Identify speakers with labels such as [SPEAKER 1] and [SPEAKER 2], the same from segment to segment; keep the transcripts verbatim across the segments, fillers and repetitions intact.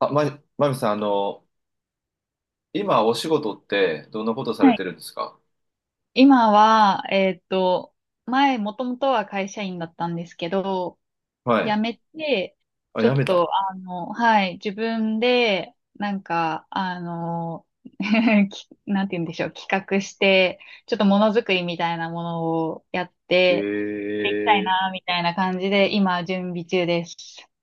[SPEAKER 1] あ、ま、まみさん、あの、今お仕事ってどんなことされ
[SPEAKER 2] は
[SPEAKER 1] て
[SPEAKER 2] い。
[SPEAKER 1] るんですか？
[SPEAKER 2] 今は、えーっと、前、もともとは会社員だったんですけど、
[SPEAKER 1] は
[SPEAKER 2] 辞
[SPEAKER 1] い。
[SPEAKER 2] めて、
[SPEAKER 1] あ、
[SPEAKER 2] ちょ
[SPEAKER 1] や
[SPEAKER 2] っ
[SPEAKER 1] め
[SPEAKER 2] と、
[SPEAKER 1] た。
[SPEAKER 2] あの、はい、自分で、なんか、あの、きなんて言うんでしょう、企画して、ちょっとものづくりみたいなものをやって、
[SPEAKER 1] え
[SPEAKER 2] できたい
[SPEAKER 1] え、
[SPEAKER 2] な、みたいな感じで、今、準備中です。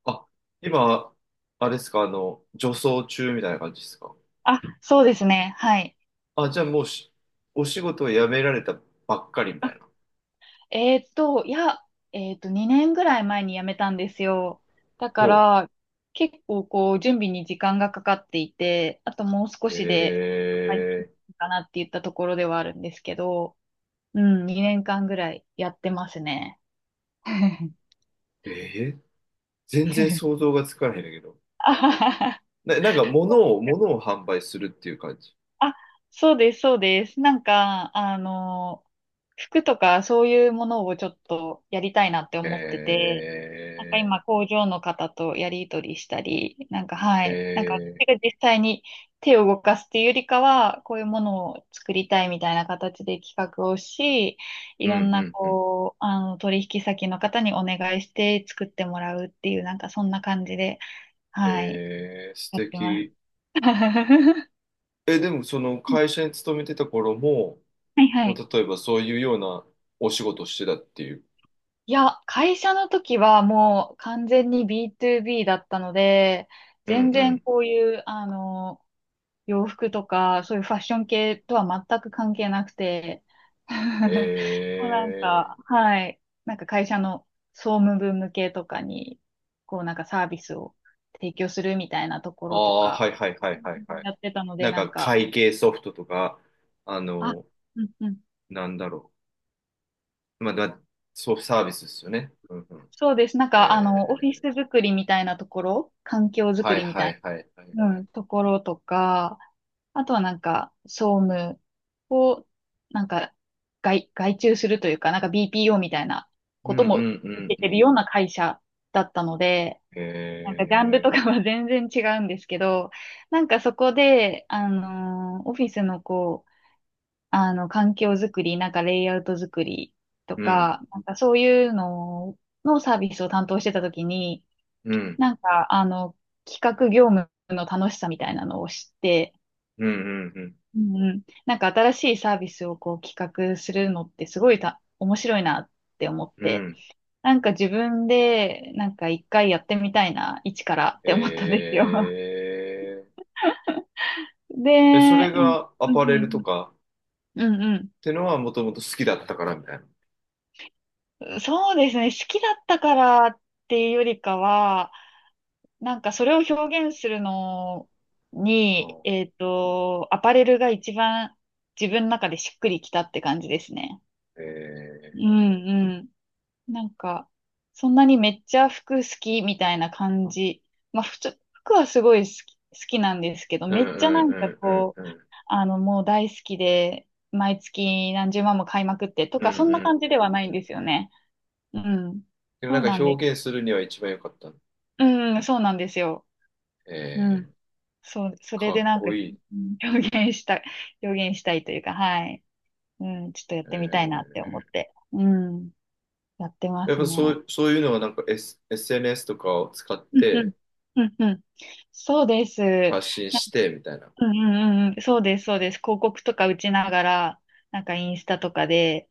[SPEAKER 1] あ、今、あれですか、あの、女装中みたいな感じですか？
[SPEAKER 2] あ、そうですね、はい。
[SPEAKER 1] あ、じゃあもうし、お仕事を辞められたばっかりみたいな。
[SPEAKER 2] えーっと、いや、えーっと、にねんぐらい前に辞めたんですよ。だか
[SPEAKER 1] ほ
[SPEAKER 2] ら、結構こう、準備に時間がかかっていて、あともう少
[SPEAKER 1] う。
[SPEAKER 2] しで、はい
[SPEAKER 1] え
[SPEAKER 2] かなって言ったところではあるんですけど、うん、にねんかんぐらいやってますね。
[SPEAKER 1] えええ、全然想像がつかないんだけど。
[SPEAKER 2] あははは
[SPEAKER 1] な、なんか物を、物を販売するっていう感じ。
[SPEAKER 2] あ、そうです、そうです。なんか、あの、服とかそういうものをちょっとやりたいなって思ってて、なんか
[SPEAKER 1] え
[SPEAKER 2] 今工場の方とやり取りしたり、なんかはい、なんか
[SPEAKER 1] えええ、
[SPEAKER 2] 私が実際に手を動かすっていうよりかは、こういうものを作りたいみたいな形で企画をし、い
[SPEAKER 1] う
[SPEAKER 2] ろ
[SPEAKER 1] ん
[SPEAKER 2] ん
[SPEAKER 1] う
[SPEAKER 2] な
[SPEAKER 1] んうん。
[SPEAKER 2] こう、あの、取引先の方にお願いして作ってもらうっていう、なんかそんな感じで、はい、
[SPEAKER 1] ええ、素
[SPEAKER 2] やってます。
[SPEAKER 1] 敵。え、でもその会社に勤めてた頃も、
[SPEAKER 2] はいは
[SPEAKER 1] もう
[SPEAKER 2] い。
[SPEAKER 1] 例えばそういうようなお仕事をしてたっていう。
[SPEAKER 2] いや、会社の時はもう完全に ビートゥービー だったので、
[SPEAKER 1] うん
[SPEAKER 2] 全
[SPEAKER 1] う
[SPEAKER 2] 然
[SPEAKER 1] ん。
[SPEAKER 2] こういう、あの、洋服とか、そういうファッション系とは全く関係なくて、もうなん
[SPEAKER 1] ええ、
[SPEAKER 2] か、はい、なんか会社の総務部向けとかに、こうなんかサービスを提供するみたいなとこ
[SPEAKER 1] あ
[SPEAKER 2] ろと
[SPEAKER 1] あ、
[SPEAKER 2] か
[SPEAKER 1] はいはいはいはいはい。
[SPEAKER 2] やってたので、
[SPEAKER 1] なん
[SPEAKER 2] な
[SPEAKER 1] か
[SPEAKER 2] んか、
[SPEAKER 1] 会計ソフトとか、あ
[SPEAKER 2] あ、
[SPEAKER 1] の、
[SPEAKER 2] うんうん、
[SPEAKER 1] なんだろう。まあ、だ、そう、サービスですよね。うんうん。
[SPEAKER 2] そうです。なん
[SPEAKER 1] え
[SPEAKER 2] か、あの、オフィ
[SPEAKER 1] え、
[SPEAKER 2] ス作りみたいなところ、環境
[SPEAKER 1] は
[SPEAKER 2] 作
[SPEAKER 1] い
[SPEAKER 2] りみ
[SPEAKER 1] は
[SPEAKER 2] たい
[SPEAKER 1] いはいはい
[SPEAKER 2] う
[SPEAKER 1] はい。
[SPEAKER 2] ん、ところとか、あとはなんか、総務を、なんか、外、外注するというか、なんか ビーピーオー みたいな
[SPEAKER 1] うん
[SPEAKER 2] こ
[SPEAKER 1] うん
[SPEAKER 2] と
[SPEAKER 1] う
[SPEAKER 2] も受
[SPEAKER 1] ん
[SPEAKER 2] け
[SPEAKER 1] う
[SPEAKER 2] てる
[SPEAKER 1] ん。
[SPEAKER 2] ような会社だったので、なんか
[SPEAKER 1] え
[SPEAKER 2] ジャンルと
[SPEAKER 1] え、
[SPEAKER 2] かは 全然違うんですけど、なんかそこで、あのーオフィスのこう、あの、環境づくり、なんかレイアウトづくりと
[SPEAKER 1] うん
[SPEAKER 2] か、なんかそういうののサービスを担当してたときに、
[SPEAKER 1] うん
[SPEAKER 2] なんか、あの、企画業務の楽しさみたいなのを知って、
[SPEAKER 1] うんうんう
[SPEAKER 2] うんうん。なんか新しいサービスをこう企画するのってすごいた面白いなって思っ
[SPEAKER 1] ん。う
[SPEAKER 2] て、
[SPEAKER 1] ん。
[SPEAKER 2] なんか自分でなんか一回やってみたいな、一からって思ったんですよ。
[SPEAKER 1] ええ。 で、そ
[SPEAKER 2] で、
[SPEAKER 1] れ
[SPEAKER 2] なん
[SPEAKER 1] がア
[SPEAKER 2] う
[SPEAKER 1] パレルと
[SPEAKER 2] ん
[SPEAKER 1] か、
[SPEAKER 2] うんうん
[SPEAKER 1] ってのはもともと好きだったからみたいな。
[SPEAKER 2] うん。そうですね。好きだったからっていうよりかは、なんかそれを表現するの
[SPEAKER 1] う
[SPEAKER 2] に、
[SPEAKER 1] ん、
[SPEAKER 2] えっと、アパレルが一番自分の中でしっくりきたって感じですね。う
[SPEAKER 1] え
[SPEAKER 2] んうん。なんか、そんなにめっちゃ服好きみたいな感じ。まあ、ふつ服はすごい好き、好きなんですけど、
[SPEAKER 1] ー、うん
[SPEAKER 2] め
[SPEAKER 1] う
[SPEAKER 2] っちゃな
[SPEAKER 1] ん
[SPEAKER 2] ん
[SPEAKER 1] う
[SPEAKER 2] か
[SPEAKER 1] んうん
[SPEAKER 2] こ
[SPEAKER 1] う
[SPEAKER 2] う、
[SPEAKER 1] ん
[SPEAKER 2] あの、もう大好きで、毎月何十万も買いまくってと
[SPEAKER 1] うん
[SPEAKER 2] か、
[SPEAKER 1] う
[SPEAKER 2] そんな感
[SPEAKER 1] ん
[SPEAKER 2] じではない
[SPEAKER 1] う
[SPEAKER 2] ん
[SPEAKER 1] ん、
[SPEAKER 2] ですよね。うん。
[SPEAKER 1] でもな
[SPEAKER 2] そ
[SPEAKER 1] ん
[SPEAKER 2] う
[SPEAKER 1] か
[SPEAKER 2] なんです、
[SPEAKER 1] 表現するには一番良かった。
[SPEAKER 2] うん、そうなんですよ。う
[SPEAKER 1] え
[SPEAKER 2] ん。
[SPEAKER 1] ー、
[SPEAKER 2] そう、それ
[SPEAKER 1] か
[SPEAKER 2] で
[SPEAKER 1] っ
[SPEAKER 2] なんか、
[SPEAKER 1] こいい。
[SPEAKER 2] うん、表現した、表現したいというか、はい。うん、ちょっとやっ
[SPEAKER 1] え
[SPEAKER 2] てみたいなって
[SPEAKER 1] ー、
[SPEAKER 2] 思って、うん、やってま
[SPEAKER 1] やっ
[SPEAKER 2] す
[SPEAKER 1] ぱそ
[SPEAKER 2] ね。
[SPEAKER 1] う、そういうのはなんか、S、エスエヌエス とかを使っ
[SPEAKER 2] うんう
[SPEAKER 1] て
[SPEAKER 2] ん。うんうん。そうです。
[SPEAKER 1] 発信
[SPEAKER 2] な
[SPEAKER 1] してみたいな。
[SPEAKER 2] うんうんうん。そうです、そうです。広告とか打ちながら、なんかインスタとかで、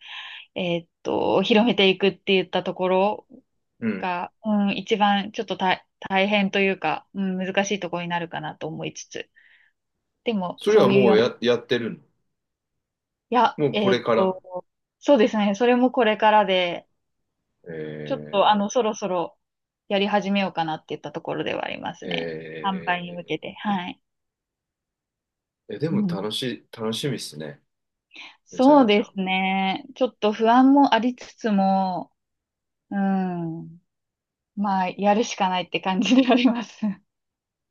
[SPEAKER 2] えーっと、広めていくって言ったところ
[SPEAKER 1] うん。
[SPEAKER 2] が、うん、一番ちょっと大、大変というか、うん、難しいところになるかなと思いつつ。でも、
[SPEAKER 1] それ
[SPEAKER 2] そ
[SPEAKER 1] は
[SPEAKER 2] ういう
[SPEAKER 1] も
[SPEAKER 2] よ
[SPEAKER 1] う
[SPEAKER 2] うな、
[SPEAKER 1] や、やってる
[SPEAKER 2] いや、
[SPEAKER 1] の？もうこ
[SPEAKER 2] え
[SPEAKER 1] れ
[SPEAKER 2] ーっ
[SPEAKER 1] から。
[SPEAKER 2] と、そうですね。それもこれからで、ちょっ
[SPEAKER 1] え
[SPEAKER 2] と、あの、そろそろやり始めようかなって言ったところではありま
[SPEAKER 1] ー、
[SPEAKER 2] すね。販売に向け
[SPEAKER 1] え
[SPEAKER 2] て。はい。
[SPEAKER 1] ー、えで
[SPEAKER 2] う
[SPEAKER 1] も
[SPEAKER 2] ん。
[SPEAKER 1] 楽しい、楽しみっすね。めちゃ
[SPEAKER 2] そう
[SPEAKER 1] めち
[SPEAKER 2] で
[SPEAKER 1] ゃ。
[SPEAKER 2] すね。ちょっと不安もありつつも、うん。まあ、やるしかないって感じであります。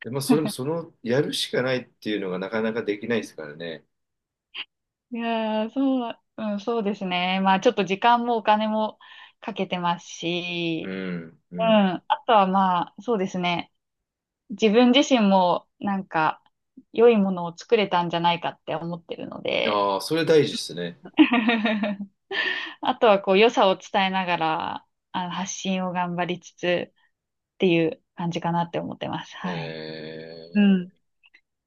[SPEAKER 1] で、まあ、それもそ の、やるしかないっていうのがなかなかできないですからね。
[SPEAKER 2] いやー、そう、うん、そうですね。まあ、ちょっと時間もお金もかけてます
[SPEAKER 1] う
[SPEAKER 2] し、
[SPEAKER 1] ん、う
[SPEAKER 2] うん。
[SPEAKER 1] ん。
[SPEAKER 2] あとはまあ、そうですね。自分自身も、なんか、良いものを作れたんじゃないかって思ってるので、
[SPEAKER 1] ああ、それ大事ですね。
[SPEAKER 2] あとはこう、良さを伝えながら、あの、発信を頑張りつつっていう感じかなって思ってます。はい。うん。
[SPEAKER 1] え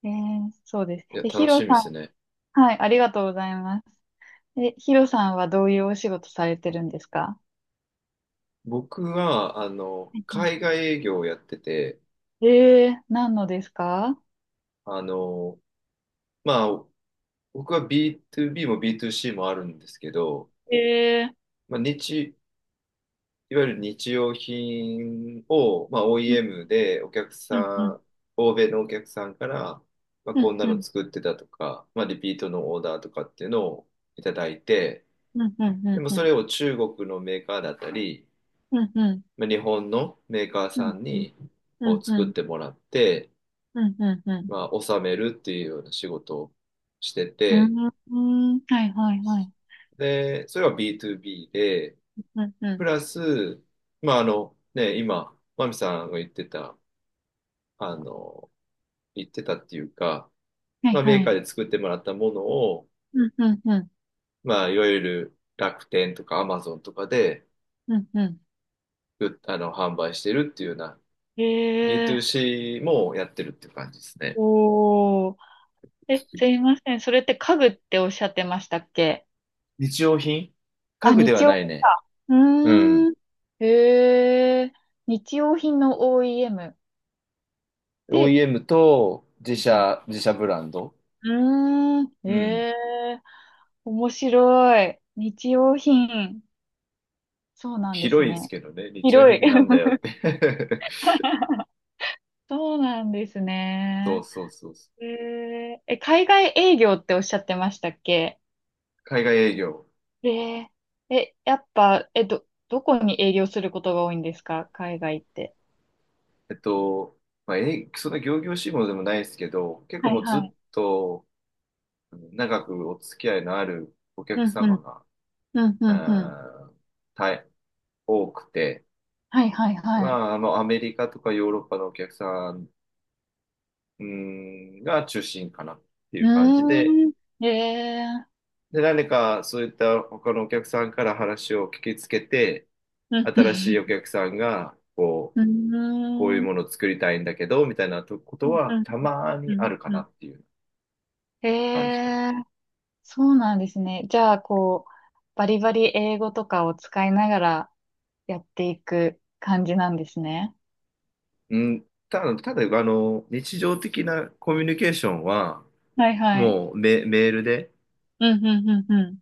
[SPEAKER 2] えー、そうです。
[SPEAKER 1] ー、いや、
[SPEAKER 2] え、ヒ
[SPEAKER 1] 楽し
[SPEAKER 2] ロ
[SPEAKER 1] みで
[SPEAKER 2] さ
[SPEAKER 1] すね。
[SPEAKER 2] ん、はい、ありがとうございます。え、ヒロさんはどういうお仕事されてるんですか？
[SPEAKER 1] 僕は、あの、
[SPEAKER 2] うん。
[SPEAKER 1] 海外営業をやってて、
[SPEAKER 2] えー、何のですか？
[SPEAKER 1] あの、まあ、僕は ビーツービー も ビーツーシー もあるんですけど、
[SPEAKER 2] えー、
[SPEAKER 1] まあ、日、いわゆる日用品を、まあ、
[SPEAKER 2] うん
[SPEAKER 1] オーイーエム でお客さ
[SPEAKER 2] うんうん
[SPEAKER 1] ん、欧米のお客さんから、まあ、
[SPEAKER 2] う
[SPEAKER 1] こん
[SPEAKER 2] ん
[SPEAKER 1] な
[SPEAKER 2] う
[SPEAKER 1] の
[SPEAKER 2] ん
[SPEAKER 1] 作ってたとか、まあ、リピートのオーダーとかっていうのをいただいて、
[SPEAKER 2] うんう
[SPEAKER 1] で
[SPEAKER 2] ん
[SPEAKER 1] も
[SPEAKER 2] う
[SPEAKER 1] それ
[SPEAKER 2] ん
[SPEAKER 1] を中国のメーカーだったり、
[SPEAKER 2] うんうん
[SPEAKER 1] まあ、日本のメーカー
[SPEAKER 2] う
[SPEAKER 1] さ
[SPEAKER 2] ん
[SPEAKER 1] んに
[SPEAKER 2] う
[SPEAKER 1] こう
[SPEAKER 2] んう
[SPEAKER 1] 作っ
[SPEAKER 2] ん
[SPEAKER 1] てもらって、
[SPEAKER 2] うんうんうん
[SPEAKER 1] まあ、納めるっていうような仕事をして
[SPEAKER 2] う
[SPEAKER 1] て、
[SPEAKER 2] んうんうんうん、はいはいはい、
[SPEAKER 1] で、それは ビーオービー で、
[SPEAKER 2] うんう
[SPEAKER 1] プ
[SPEAKER 2] ん、
[SPEAKER 1] ラス、まあ、あの、ね、今、マミさんが言ってた、あの、言ってたっていうか、
[SPEAKER 2] はい
[SPEAKER 1] まあ、メ
[SPEAKER 2] は
[SPEAKER 1] ーカ
[SPEAKER 2] い、
[SPEAKER 1] ーで作ってもらったものを、
[SPEAKER 2] うんうんうん
[SPEAKER 1] まあ、いわゆる楽天とかアマゾンとかで、
[SPEAKER 2] うんう
[SPEAKER 1] うあの、販売してるっていうような、
[SPEAKER 2] ん。えー、
[SPEAKER 1] ビーツーシー もやってるっていう感じですね。
[SPEAKER 2] おー、え、すいません。それって家具っておっしゃってましたっけ？
[SPEAKER 1] 日用品。家
[SPEAKER 2] あ、
[SPEAKER 1] 具では
[SPEAKER 2] 日用
[SPEAKER 1] ない
[SPEAKER 2] 品
[SPEAKER 1] ね。
[SPEAKER 2] か。う
[SPEAKER 1] う
[SPEAKER 2] ー
[SPEAKER 1] ん。
[SPEAKER 2] ん。へえ。日用品の オーイーエム。で、
[SPEAKER 1] オーイーエム と自
[SPEAKER 2] うん。
[SPEAKER 1] 社、自社ブランド。
[SPEAKER 2] うーん。
[SPEAKER 1] うん。
[SPEAKER 2] へえ。面白い。日用品。そうなんです
[SPEAKER 1] 広いです
[SPEAKER 2] ね。
[SPEAKER 1] けどね。日用
[SPEAKER 2] 広
[SPEAKER 1] 品っ
[SPEAKER 2] い。
[SPEAKER 1] てなんだよって。
[SPEAKER 2] そうなんです
[SPEAKER 1] そう
[SPEAKER 2] ね。
[SPEAKER 1] そうそうそう。
[SPEAKER 2] へえ。え、海外営業っておっしゃってましたっけ？
[SPEAKER 1] 海外営業。
[SPEAKER 2] ええ。え、やっぱ、え、ど、どこに営業することが多いんですか？海外って。
[SPEAKER 1] えっと、まあ、え、そんな仰々しいものでもないですけど、結構
[SPEAKER 2] はい
[SPEAKER 1] もう
[SPEAKER 2] は
[SPEAKER 1] ず
[SPEAKER 2] い。
[SPEAKER 1] っと長くお付き合いのあるお
[SPEAKER 2] う
[SPEAKER 1] 客
[SPEAKER 2] んうん。
[SPEAKER 1] 様が、
[SPEAKER 2] うんうんうん。
[SPEAKER 1] あー大多くて、
[SPEAKER 2] はいはい
[SPEAKER 1] ま
[SPEAKER 2] はい。
[SPEAKER 1] あ、あの、アメリカとかヨーロッパのお客さん、うん、が中心かなってい
[SPEAKER 2] う
[SPEAKER 1] う感じで、
[SPEAKER 2] ーん。ええー、
[SPEAKER 1] で、何かそういった他のお客さんから話を聞きつけて、
[SPEAKER 2] うん、
[SPEAKER 1] 新しいお客さんが、こう、
[SPEAKER 2] うん、
[SPEAKER 1] こういう
[SPEAKER 2] うーん、
[SPEAKER 1] ものを作りたいんだけど、みたいなとこ
[SPEAKER 2] う
[SPEAKER 1] と
[SPEAKER 2] ん、
[SPEAKER 1] は
[SPEAKER 2] うん、
[SPEAKER 1] たま
[SPEAKER 2] う
[SPEAKER 1] にあ
[SPEAKER 2] ん
[SPEAKER 1] るか
[SPEAKER 2] う
[SPEAKER 1] な
[SPEAKER 2] ん。
[SPEAKER 1] っていう
[SPEAKER 2] え
[SPEAKER 1] 感じかな。
[SPEAKER 2] えー、そうなんですね。じゃあ、こう、バリバリ英語とかを使いながらやっていく感じなんですね。
[SPEAKER 1] うん、ただ、ただ、あの、日常的なコミュニケーションは、
[SPEAKER 2] はいはい。
[SPEAKER 1] もうメ、メールで
[SPEAKER 2] うん、うん、うん、うん。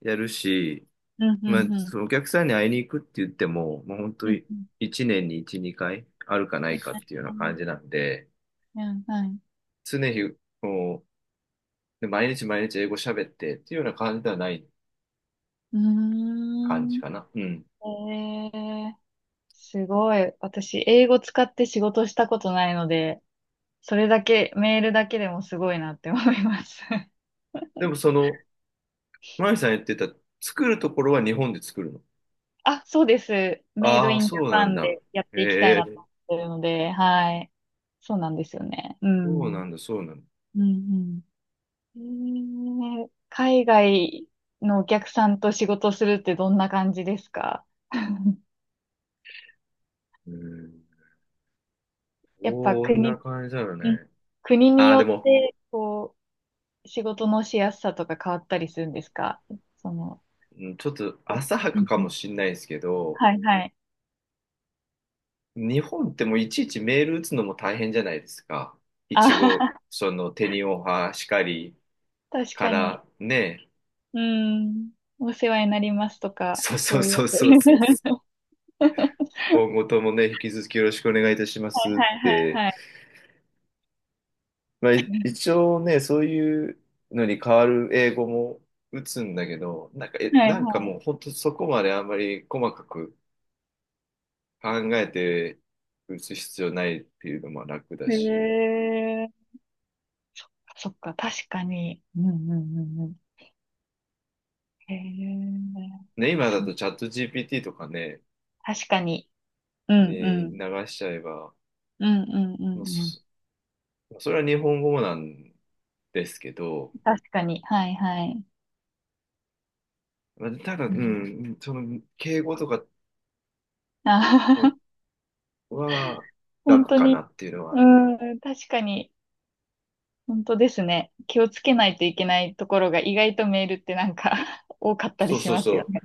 [SPEAKER 1] やるし、
[SPEAKER 2] うん、
[SPEAKER 1] まあ、
[SPEAKER 2] うん、うん。
[SPEAKER 1] そのお客さんに会いに行くって言っても、もう本当
[SPEAKER 2] うん、
[SPEAKER 1] に
[SPEAKER 2] うん。
[SPEAKER 1] いちねんにいち、にかいあるかないかっていうような感じなんで、
[SPEAKER 2] うん、はい。
[SPEAKER 1] 常日、もう、で毎日毎日英語喋ってっていうような感じではない
[SPEAKER 2] うー
[SPEAKER 1] 感じ
[SPEAKER 2] ん。
[SPEAKER 1] かな。うん。
[SPEAKER 2] えーすごい。私、英語使って仕事したことないので、それだけ、メールだけでもすごいなって思います。
[SPEAKER 1] でもその、マイさん言ってた、作るところは日本で作るの？
[SPEAKER 2] あ、そうです。メイド
[SPEAKER 1] ああ、
[SPEAKER 2] インジャ
[SPEAKER 1] そうな
[SPEAKER 2] パ
[SPEAKER 1] ん
[SPEAKER 2] ン
[SPEAKER 1] だ。
[SPEAKER 2] でやっ
[SPEAKER 1] え
[SPEAKER 2] ていきたいなと
[SPEAKER 1] え、
[SPEAKER 2] 思ってるので、はい。そうなんですよね。う
[SPEAKER 1] そうな
[SPEAKER 2] ん。
[SPEAKER 1] んだ、そうなんだ。
[SPEAKER 2] うんうん。えー海外のお客さんと仕事するってどんな感じですか？
[SPEAKER 1] うん。
[SPEAKER 2] やっぱ
[SPEAKER 1] こん
[SPEAKER 2] 国、
[SPEAKER 1] な感じだよ
[SPEAKER 2] うん、
[SPEAKER 1] ね。
[SPEAKER 2] 国に
[SPEAKER 1] ああ、
[SPEAKER 2] よ
[SPEAKER 1] で
[SPEAKER 2] っ
[SPEAKER 1] も、
[SPEAKER 2] て、こう、仕事のしやすさとか変わったりするんですか？その、
[SPEAKER 1] うん、ちょっと浅は
[SPEAKER 2] う
[SPEAKER 1] か
[SPEAKER 2] ん
[SPEAKER 1] か
[SPEAKER 2] う
[SPEAKER 1] も
[SPEAKER 2] ん、
[SPEAKER 1] しんないですけど、
[SPEAKER 2] はいはい。
[SPEAKER 1] 日本ってもういちいちメール打つのも大変じゃないですか。い
[SPEAKER 2] あ
[SPEAKER 1] ち
[SPEAKER 2] は
[SPEAKER 1] ご
[SPEAKER 2] は、
[SPEAKER 1] そのテニオハしかり
[SPEAKER 2] 確
[SPEAKER 1] か
[SPEAKER 2] かに。
[SPEAKER 1] らね、
[SPEAKER 2] うん。お世話になりますとか、
[SPEAKER 1] そうそ
[SPEAKER 2] そ
[SPEAKER 1] う
[SPEAKER 2] ういうや
[SPEAKER 1] そう
[SPEAKER 2] つ。
[SPEAKER 1] そうそう。
[SPEAKER 2] は
[SPEAKER 1] 今後ともね、引き続きよろしくお願いいたしま
[SPEAKER 2] い
[SPEAKER 1] すっ
[SPEAKER 2] はいは
[SPEAKER 1] て。
[SPEAKER 2] いはい。
[SPEAKER 1] まあ、い一応ね、そういうのに変わる英語も打つんだけど、なんか、え、
[SPEAKER 2] はい
[SPEAKER 1] なんか
[SPEAKER 2] は
[SPEAKER 1] もう本当そこまであんまり細かく考えて打つ必要ないっていうのも楽だ
[SPEAKER 2] い。
[SPEAKER 1] し。
[SPEAKER 2] へえ。そっか、確かに。うんうんうんうん。へえ。
[SPEAKER 1] ね、今だ
[SPEAKER 2] そ
[SPEAKER 1] とチャット ジーピーティー とかね、
[SPEAKER 2] 確かに。うんう
[SPEAKER 1] ね、
[SPEAKER 2] ん。
[SPEAKER 1] 流しちゃえば、
[SPEAKER 2] うんうんう
[SPEAKER 1] まあ
[SPEAKER 2] んうん。
[SPEAKER 1] そ、それは日本語なんですけど、
[SPEAKER 2] 確かに。はいはい。
[SPEAKER 1] まあただ、う
[SPEAKER 2] うん、
[SPEAKER 1] ん、その、敬語とか
[SPEAKER 2] あ
[SPEAKER 1] は
[SPEAKER 2] 本
[SPEAKER 1] 楽
[SPEAKER 2] 当
[SPEAKER 1] かな
[SPEAKER 2] に。
[SPEAKER 1] っていうのはあ
[SPEAKER 2] う
[SPEAKER 1] る。
[SPEAKER 2] ん、確かに。本当ですね。気をつけないといけないところが意外とメールってなんか 多かったり
[SPEAKER 1] そう
[SPEAKER 2] し
[SPEAKER 1] そう
[SPEAKER 2] ます
[SPEAKER 1] そ
[SPEAKER 2] よ
[SPEAKER 1] う。
[SPEAKER 2] ね。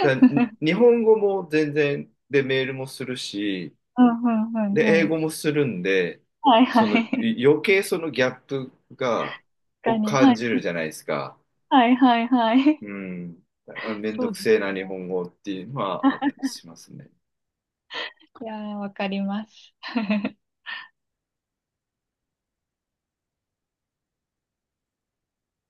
[SPEAKER 1] だからに 日本語も全然、で、メールもするし、
[SPEAKER 2] うんうんう
[SPEAKER 1] で、
[SPEAKER 2] ん
[SPEAKER 1] 英
[SPEAKER 2] うん。
[SPEAKER 1] 語もするんで、
[SPEAKER 2] はい
[SPEAKER 1] その、
[SPEAKER 2] はい。
[SPEAKER 1] い余計そのギャップが、
[SPEAKER 2] 確か
[SPEAKER 1] を
[SPEAKER 2] に。は
[SPEAKER 1] 感
[SPEAKER 2] い。
[SPEAKER 1] じるじゃないですか。
[SPEAKER 2] はいはいはい。
[SPEAKER 1] うん。あの、めん
[SPEAKER 2] そ
[SPEAKER 1] ど
[SPEAKER 2] う
[SPEAKER 1] く
[SPEAKER 2] で
[SPEAKER 1] せえ
[SPEAKER 2] す。
[SPEAKER 1] な日本語っていうのはあったりしますね。
[SPEAKER 2] いやー、わかります。